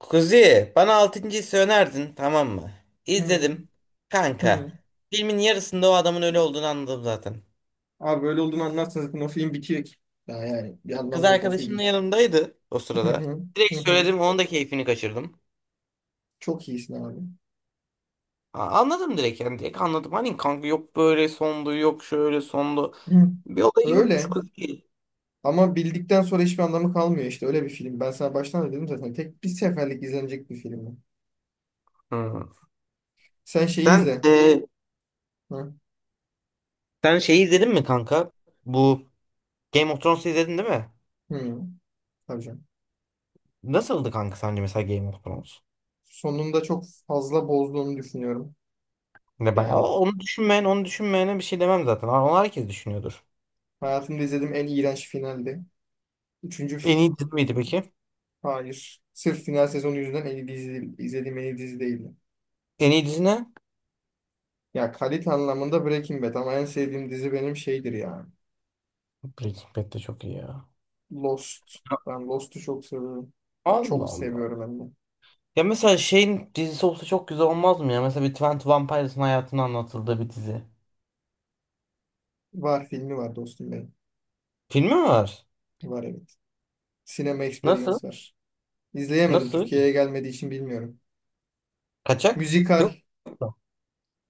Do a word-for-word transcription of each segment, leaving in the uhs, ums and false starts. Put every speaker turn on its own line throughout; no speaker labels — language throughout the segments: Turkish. Kuzi, bana altıncı hissi önerdin, tamam mı?
Hı.
İzledim. Kanka,
Hı.
filmin yarısında o adamın ölü olduğunu anladım zaten.
Abi böyle olduğunu anlarsınız zaten o film bitiyor ki. Ya yani bir
Kız
anlamı yok o
arkadaşım da
filmin.
yanımdaydı o
Hı
sırada.
hı.
Direkt
Hı hı.
söyledim, onun da keyfini kaçırdım.
Çok iyisin abi.
A- Anladım direkt yani, direkt anladım. Hani kanka yok böyle sondu, yok şöyle sondu.
Hı.
Bir olayı yokmuş
Öyle.
Kuzi.
Ama bildikten sonra hiçbir anlamı kalmıyor işte. Öyle bir film. Ben sana baştan da dedim zaten. Tek bir seferlik izlenecek bir film bu.
Hı.
Sen şeyi
Sen,
izle.
e,
Hı.
sen şeyi izledin mi kanka? Bu Game of Thrones'u izledin değil mi?
Hı. Tabii canım.
Nasıldı kanka sence mesela Game of Thrones?
Sonunda çok fazla bozduğunu düşünüyorum.
Ne ben
Yani
onu düşünmeyen onu düşünmeyene bir şey demem zaten. Onu herkes düşünüyordur.
hayatımda izlediğim en iğrenç finaldi. Üçüncü
En
fi-
iyi dizi miydi peki?
Hayır. Sırf final sezonu yüzünden en iyi dizi, izlediğim en iyi dizi değildi.
En iyi dizi ne?
Ya kalite anlamında Breaking Bad ama en sevdiğim dizi benim şeydir ya.
Breaking Bad de çok iyi ya.
Lost. Ben Lost'u çok seviyorum.
Allah
Çok
Allah.
seviyorum hem de.
Ya mesela şeyin dizisi olsa çok güzel olmaz mı ya? Mesela bir Twenty Vampire'sın hayatını anlatıldığı bir dizi.
Var filmi var dostum benim.
Filmi mi var?
Var evet. Sinema
Nasıl?
Experience var. İzleyemedim.
Nasıl?
Türkiye'ye gelmediği için bilmiyorum.
Kaçak?
Müzikal.
Yok mu?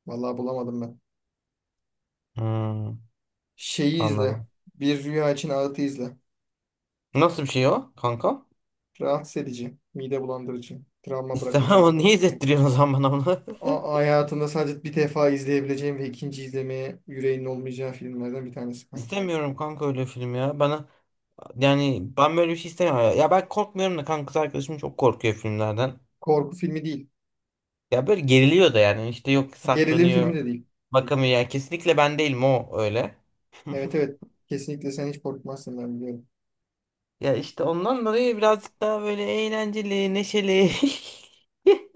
Vallahi bulamadım ben.
Hmm,
Şeyi izle.
anladım.
Bir Rüya için Ağıt'ı izle.
Nasıl bir şey o kanka?
Rahatsız edici. Mide bulandırıcı. Travma
İstemem
bırakıcı.
ama niye izlettiriyorsun o zaman bana onu?
A- hayatında sadece bir defa izleyebileceğim ve ikinci izlemeye yüreğinin olmayacağı filmlerden bir tanesi kanki.
İstemiyorum kanka öyle film ya. Bana yani ben böyle bir şey istemiyorum. Ya Ya ben korkmuyorum da kanka kız arkadaşım çok korkuyor filmlerden.
Korku filmi değil.
Ya böyle geriliyor da yani işte yok
Gerilim filmi
saklanıyor.
de değil.
Bakamıyor yani kesinlikle ben değilim o öyle.
Evet evet. Kesinlikle sen hiç korkmazsın ben biliyorum.
Ya işte ondan dolayı birazcık daha böyle eğlenceli, neşeli.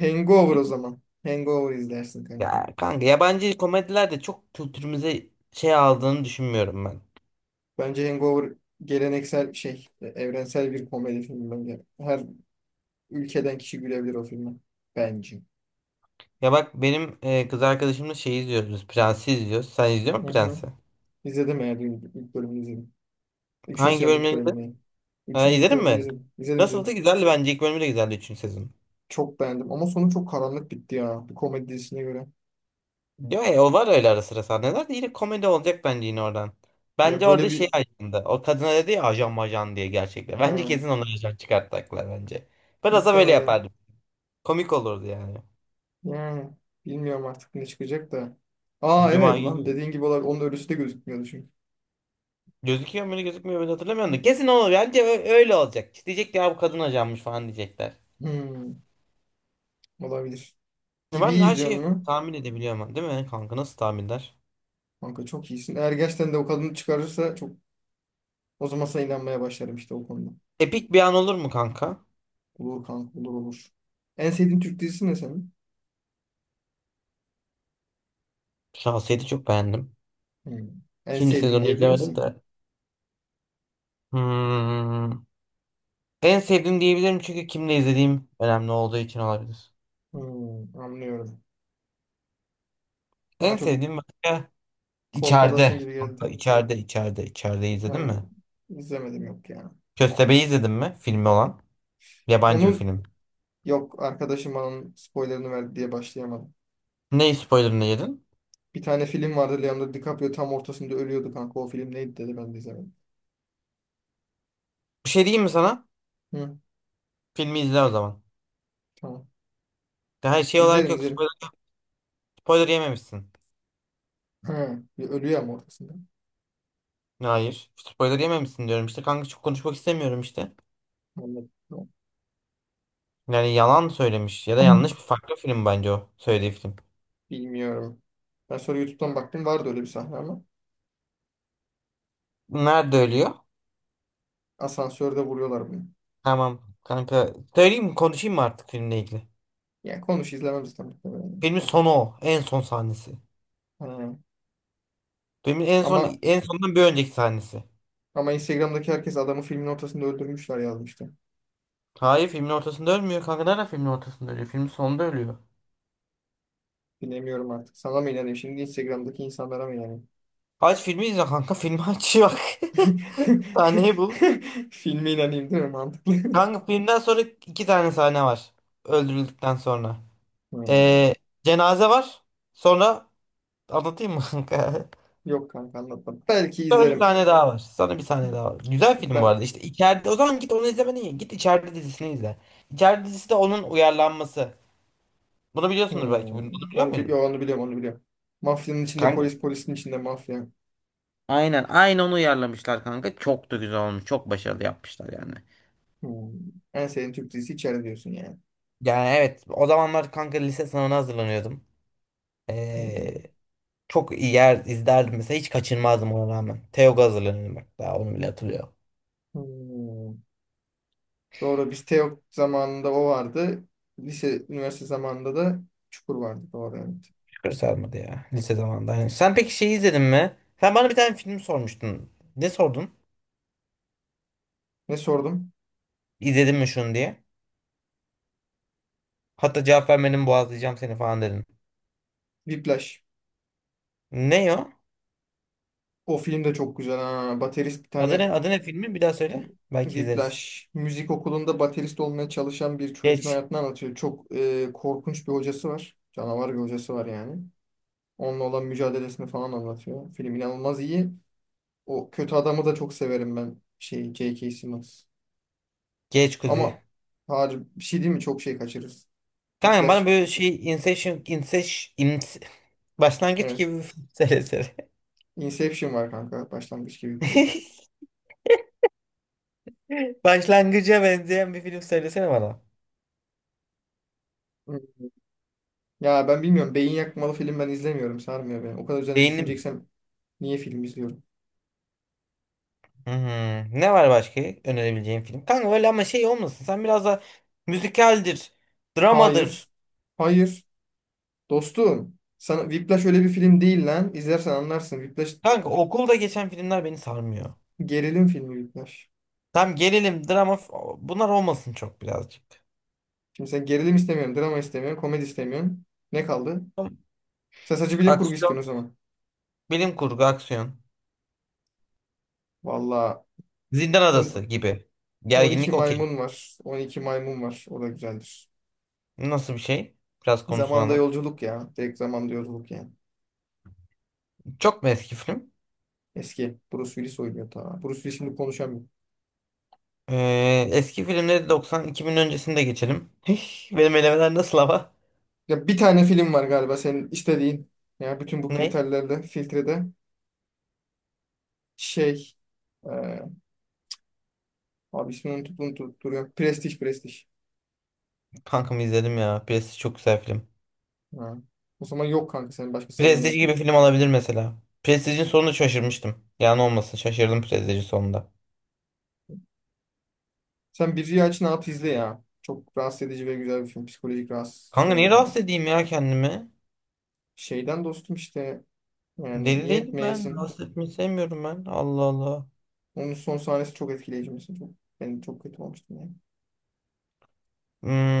Hangover o zaman. Hangover izlersin kanka.
Ya kanka yabancı komediler de çok kültürümüze şey aldığını düşünmüyorum ben.
Bence Hangover geleneksel şey, e, evrensel bir komedi filmi bence. Her ülkeden kişi gülebilir o filme. Bence.
Ya bak benim e, kız arkadaşımla şey izliyoruz biz. Prensi izliyoruz. Sen izliyor
Hı
musun
hı.
Prens'i?
İzledim eğer ilk ilk bölümünü izledim. Üçüncü
Hangi
sezonun ilk
bölümleri izledin?
bölümünü.
Ha,
Üçüncü ilk
izledin
bölümünü
mi?
izledim. İzledim
Nasıldı?
izledim.
Güzeldi bence. İlk bölümü de güzeldi üçüncü sezon.
Çok beğendim. Ama sonu çok karanlık bitti ya. Bir komedi dizisine göre.
Diyor ya o var öyle ara sıra sahneler de yine komedi olacak bence yine oradan.
Ya
Bence
böyle
orada
bir.
şey ajandı. O kadına dedi ya ajan majan diye gerçekten. Bence
Ha,
kesin onu ajan çıkartacaklar bence. Biraz da böyle
muhtemelen.
yapardım. Komik olurdu yani.
Yani bilmiyorum artık ne çıkacak da. Aa
Cuma
evet lan
günü.
dediğin gibi olabilir. Onun ölüsü de gözükmüyordu çünkü.
Gözüküyor mu gözükmüyor mu hatırlamıyorum da. Kesin olur. Bence ö- öyle olacak. Diyecek ki, ya bu kadın ajanmış falan diyecekler.
Hmm, olabilir.
Ya ben her
Gibiyiz diyorsun
şeyi
mu?
tahmin edebiliyorum ama, değil mi kanka? Nasıl tahminler?
Kanka çok iyisin. Eğer gerçekten de o kadını çıkarırsa çok o zaman sana inanmaya başlarım işte o konuda.
Epik bir an olur mu kanka?
Olur kanka olur olur. En sevdiğin Türk dizisi ne senin?
Şahsiyeti çok beğendim.
Hmm. En
İkinci
sevdiğin
sezonu
diyebilir
izlemedim
misin?
de. Hmm. En sevdiğim diyebilirim çünkü kimle izlediğim önemli olduğu için olabilir.
Hmm, anlıyorum. Bana
En
çok
sevdiğim başka
kolpadasın
içeride.
gibi
Kanka
geldi.
içeride içeride içeride izledin
Ha,
mi?
izlemedim yok ya.
Köstebeği izledin mi? Filmi olan. Yabancı bir
Onun
film.
yok arkadaşım bana onun spoilerını verdi diye başlayamadım.
Ne spoilerını yedin?
Bir tane film vardı Leonardo DiCaprio tam ortasında ölüyordu kanka. O film neydi dedi ben de izlemedim.
Bir şey diyeyim mi sana?
Hı,
Filmi izle o zaman.
tamam.
Her şey olarak
İzlerim
yok
izlerim.
spoiler, spoiler yememişsin.
Hı bir ölüyor ama ortasında.
Hayır. Spoiler yememişsin diyorum işte. Kanka çok konuşmak istemiyorum işte.
Anladım. Tamam.
Yani yalan söylemiş ya da yanlış bir farklı film bence o söylediği film.
Bilmiyorum. Ben sonra YouTube'dan baktım vardı öyle bir sahne ama
Nerede ölüyor?
asansörde vuruyorlar bunu.
Tamam kanka. Söyleyeyim mi? Konuşayım mı artık filmle ilgili?
Yani konuş izlemem zaten. Muhtemelen.
Filmin sonu o. En son sahnesi.
Ha.
Filmin en son
Ama
en sondan bir önceki sahnesi.
ama Instagram'daki herkes adamı filmin ortasında öldürmüşler yazmıştı.
Hayır filmin ortasında ölmüyor kanka. Nerede filmin ortasında ölüyor? Filmin sonunda ölüyor.
Bilemiyorum artık. Sana mı inanayım şimdi Instagram'daki insanlara mı inanayım?
Aç filmi izle kanka. Filmi aç bak. Sahneyi bul.
Filme inanayım değil mi? Mantıklı.
Kanka filmden sonra iki tane sahne var. Öldürüldükten sonra.
Ha.
Ee, cenaze var. Sonra anlatayım mı kanka?
Yok kanka anlatmadım. Belki
Sonra bir
izlerim.
tane daha var. Sana bir tane daha var. Güzel film bu
Ben
arada. İşte içeride o zaman git onu izlemene iyi. Git içeride dizisini izle. İçeride dizisi de onun uyarlanması. Bunu biliyorsundur belki. Bunu, bunu
Hmm,
biliyor
onu bi- yo,
muydun?
Onu biliyorum onu biliyorum. Mafyanın içinde
Kanka,
polis polisin içinde mafya.
aynen aynı onu uyarlamışlar kanka. Çok da güzel olmuş. Çok başarılı yapmışlar yani.
Hmm. En sevdiğin Türk dizisi içeride diyorsun yani.
Yani evet o zamanlar kanka lise sınavına hazırlanıyordum.
Hmm.
Ee, çok iyi yer izlerdim mesela hiç kaçırmazdım ona rağmen. TEOG'a hazırlanıyordum bak daha onu bile hatırlıyorum.
Hmm. Doğru biz Teok zamanında o vardı. Lise üniversite zamanında da Çukur vardı. Doğru evet.
Şükür sarmadı ya lise zamanında. Yani sen peki şey izledin mi? Sen bana bir tane film sormuştun. Ne sordun?
Ne sordum?
İzledin mi şunu diye? Hatta cevap vermedim boğazlayacağım seni falan dedin.
Whiplash.
Ne o?
O film de çok güzel ha. Baterist bir
Adı ne?
tane
Adı ne filmi? Bir daha söyle. Belki izleriz.
Whiplash. Müzik okulunda baterist olmaya çalışan bir çocuğun
Geç.
hayatını anlatıyor. Çok e, korkunç bir hocası var. Canavar bir hocası var yani. Onunla olan mücadelesini falan anlatıyor. Film inanılmaz iyi. O kötü adamı da çok severim ben. Şey, J K. Simmons.
Geç Kuzi.
Ama harbi bir şey değil mi? Çok şey kaçırırız.
Kanka bana
Whiplash.
böyle şey Inception, Inception, Ince- başlangıç
Evet.
gibi bir film söylesene.
Inception var kanka. Başlangıç gibi bir film.
Başlangıca benzeyen bir film söylesene bana.
Hı. Ya ben bilmiyorum. Beyin yakmalı film ben izlemiyorum. Sarmıyor beni. O kadar üzerine
Beynim
düşüneceksem niye film izliyorum?
hmm, ne var başka önerebileceğim film? Kanka öyle ama şey olmasın. Sen biraz da müzikaldir,
Hayır.
dramadır.
Hayır. Dostum. Sana Whiplash öyle bir film değil lan. İzlersen anlarsın. Whiplash
Kanka okulda geçen filmler beni sarmıyor.
gerilim filmi Whiplash.
Tam gerilim, drama f- bunlar olmasın çok birazcık.
Şimdi sen gerilim istemiyorsun, drama istemiyorsun, komedi istemiyorsun. Ne kaldı?
Tamam.
Sen sadece bilim kurgu
Aksiyon,
istiyorsun o zaman.
bilim kurgu, aksiyon.
Valla
Zindan Adası gibi.
on iki
Gerginlik okey.
maymun var. on iki maymun var. O da güzeldir.
Nasıl bir şey? Biraz konusunu
Zamanda
anlat.
yolculuk ya. Direkt zamanda yolculuk yani.
Çok mu eski film?
Eski. Bruce Willis oynuyor ta. Bruce Willis şimdi konuşamıyor.
Ee, eski filmleri doksan-iki bin öncesinde geçelim. Hih, benim elemeler nasıl ama?
Ya bir tane film var galiba senin istediğin. Ya bütün bu
Ne?
kriterlerde, filtrede şey e, abi ismini unutup unutup duruyor. Prestige, Prestige.
Kankamı izledim ya. Prestige çok güzel film.
Ha. O zaman yok kanka senin başka seveceğin
Prestige gibi
film.
film olabilir mesela. Prestige'in sonunda şaşırmıştım. Yani olmasın şaşırdım Prestige'in sonunda.
Sen bir aç ne yap izle ya. Çok rahatsız edici ve güzel bir film. Psikolojik rahatsız şey
Kanka niye
olur yani.
rahatsız edeyim ya kendimi?
Şeyden dostum işte. Yani
Deli
niye
değilim ben.
etmeyesin?
Rahatsız etmeyi sevmiyorum ben. Allah Allah.
Onun son sahnesi çok etkileyici mesela. Çok, ben çok kötü olmuştum yani.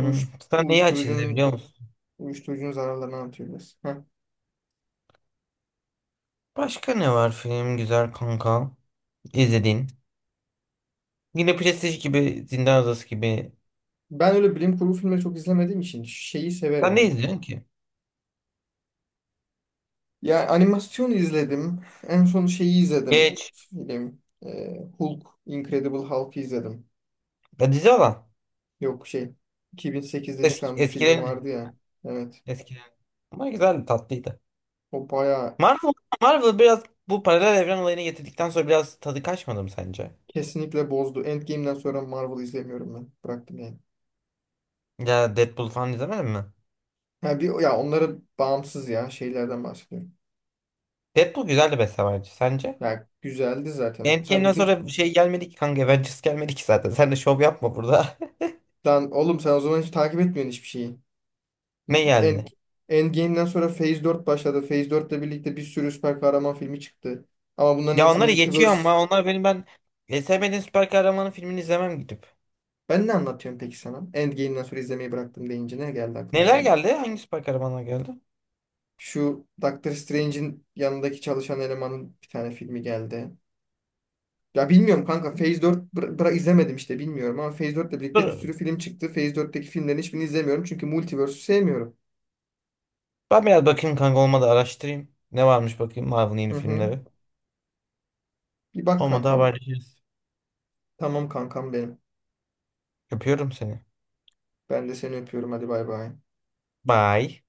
Uyuş,
sen neyi aç izle
uyuşturucunun
biliyor musun?
uyuşturucunun zararlarını anlatıyor biraz. Heh.
Başka ne var film güzel kanka? İzlediğin. Yine Prestige gibi Zindan Adası gibi.
Ben öyle bilim kurgu filmleri çok izlemediğim için şeyi severim
Sen ne
ama.
izliyorsun ki?
Ya animasyon izledim. En son şeyi izledim.
Geç.
Film. Ee, Hulk, Incredible Hulk'ı izledim.
Ya dizi olan.
Yok şey. iki bin sekizde
Eski,
çıkan bir filmi
eskilerin.
vardı ya. Evet.
Eskilerin. Ama güzel tatlıydı.
O bayağı
Marvel, Marvel biraz bu paralel evren olayını getirdikten sonra biraz tadı kaçmadı mı sence?
kesinlikle bozdu. Endgame'den sonra Marvel izlemiyorum ben. Bıraktım yani.
Ya Deadpool falan izlemedin mi?
Ha bir ya onları bağımsız ya şeylerden bahsediyorum.
Deadpool güzeldi mesela bence. Sence?
Ya güzeldi zaten. Sen
Endgame'den
bütün
sonra bir şey gelmedi ki kanka. Avengers gelmedi ki zaten. Sen de şov yapma burada.
Lan oğlum sen o zaman hiç takip etmiyorsun hiçbir şeyi.
Ne geldi?
End, Endgame'den sonra Phase dört başladı. Phase dört ile birlikte bir sürü süper kahraman filmi çıktı. Ama bunların
Ya
hepsi
onları geçiyor
multiverse.
ama onlar benim ben e, sevmediğim süper kahramanın filmini izlemem gidip.
Ben ne anlatıyorum peki sana? Endgame'den sonra izlemeyi bıraktım deyince ne geldi aklına
Neler
senin?
geldi? Hangi süper kahramanlar geldi?
Şu Doctor Strange'in yanındaki çalışan elemanın bir tane filmi geldi. Ya bilmiyorum kanka Phase dört bıra bıra- izlemedim işte bilmiyorum ama Phase dört ile birlikte bir
Dur.
sürü film çıktı. Phase dörtteki filmlerin hiçbirini izlemiyorum çünkü Multiverse'ü sevmiyorum.
Ben biraz bakayım kanka olmadı araştırayım. Ne varmış bakayım Marvel'ın
Hı
yeni
hı.
filmleri.
Bir bak
Olmadı
kankam.
haberleşiriz.
Tamam kankam benim.
Öpüyorum seni.
Ben de seni öpüyorum hadi bay bay.
Bye.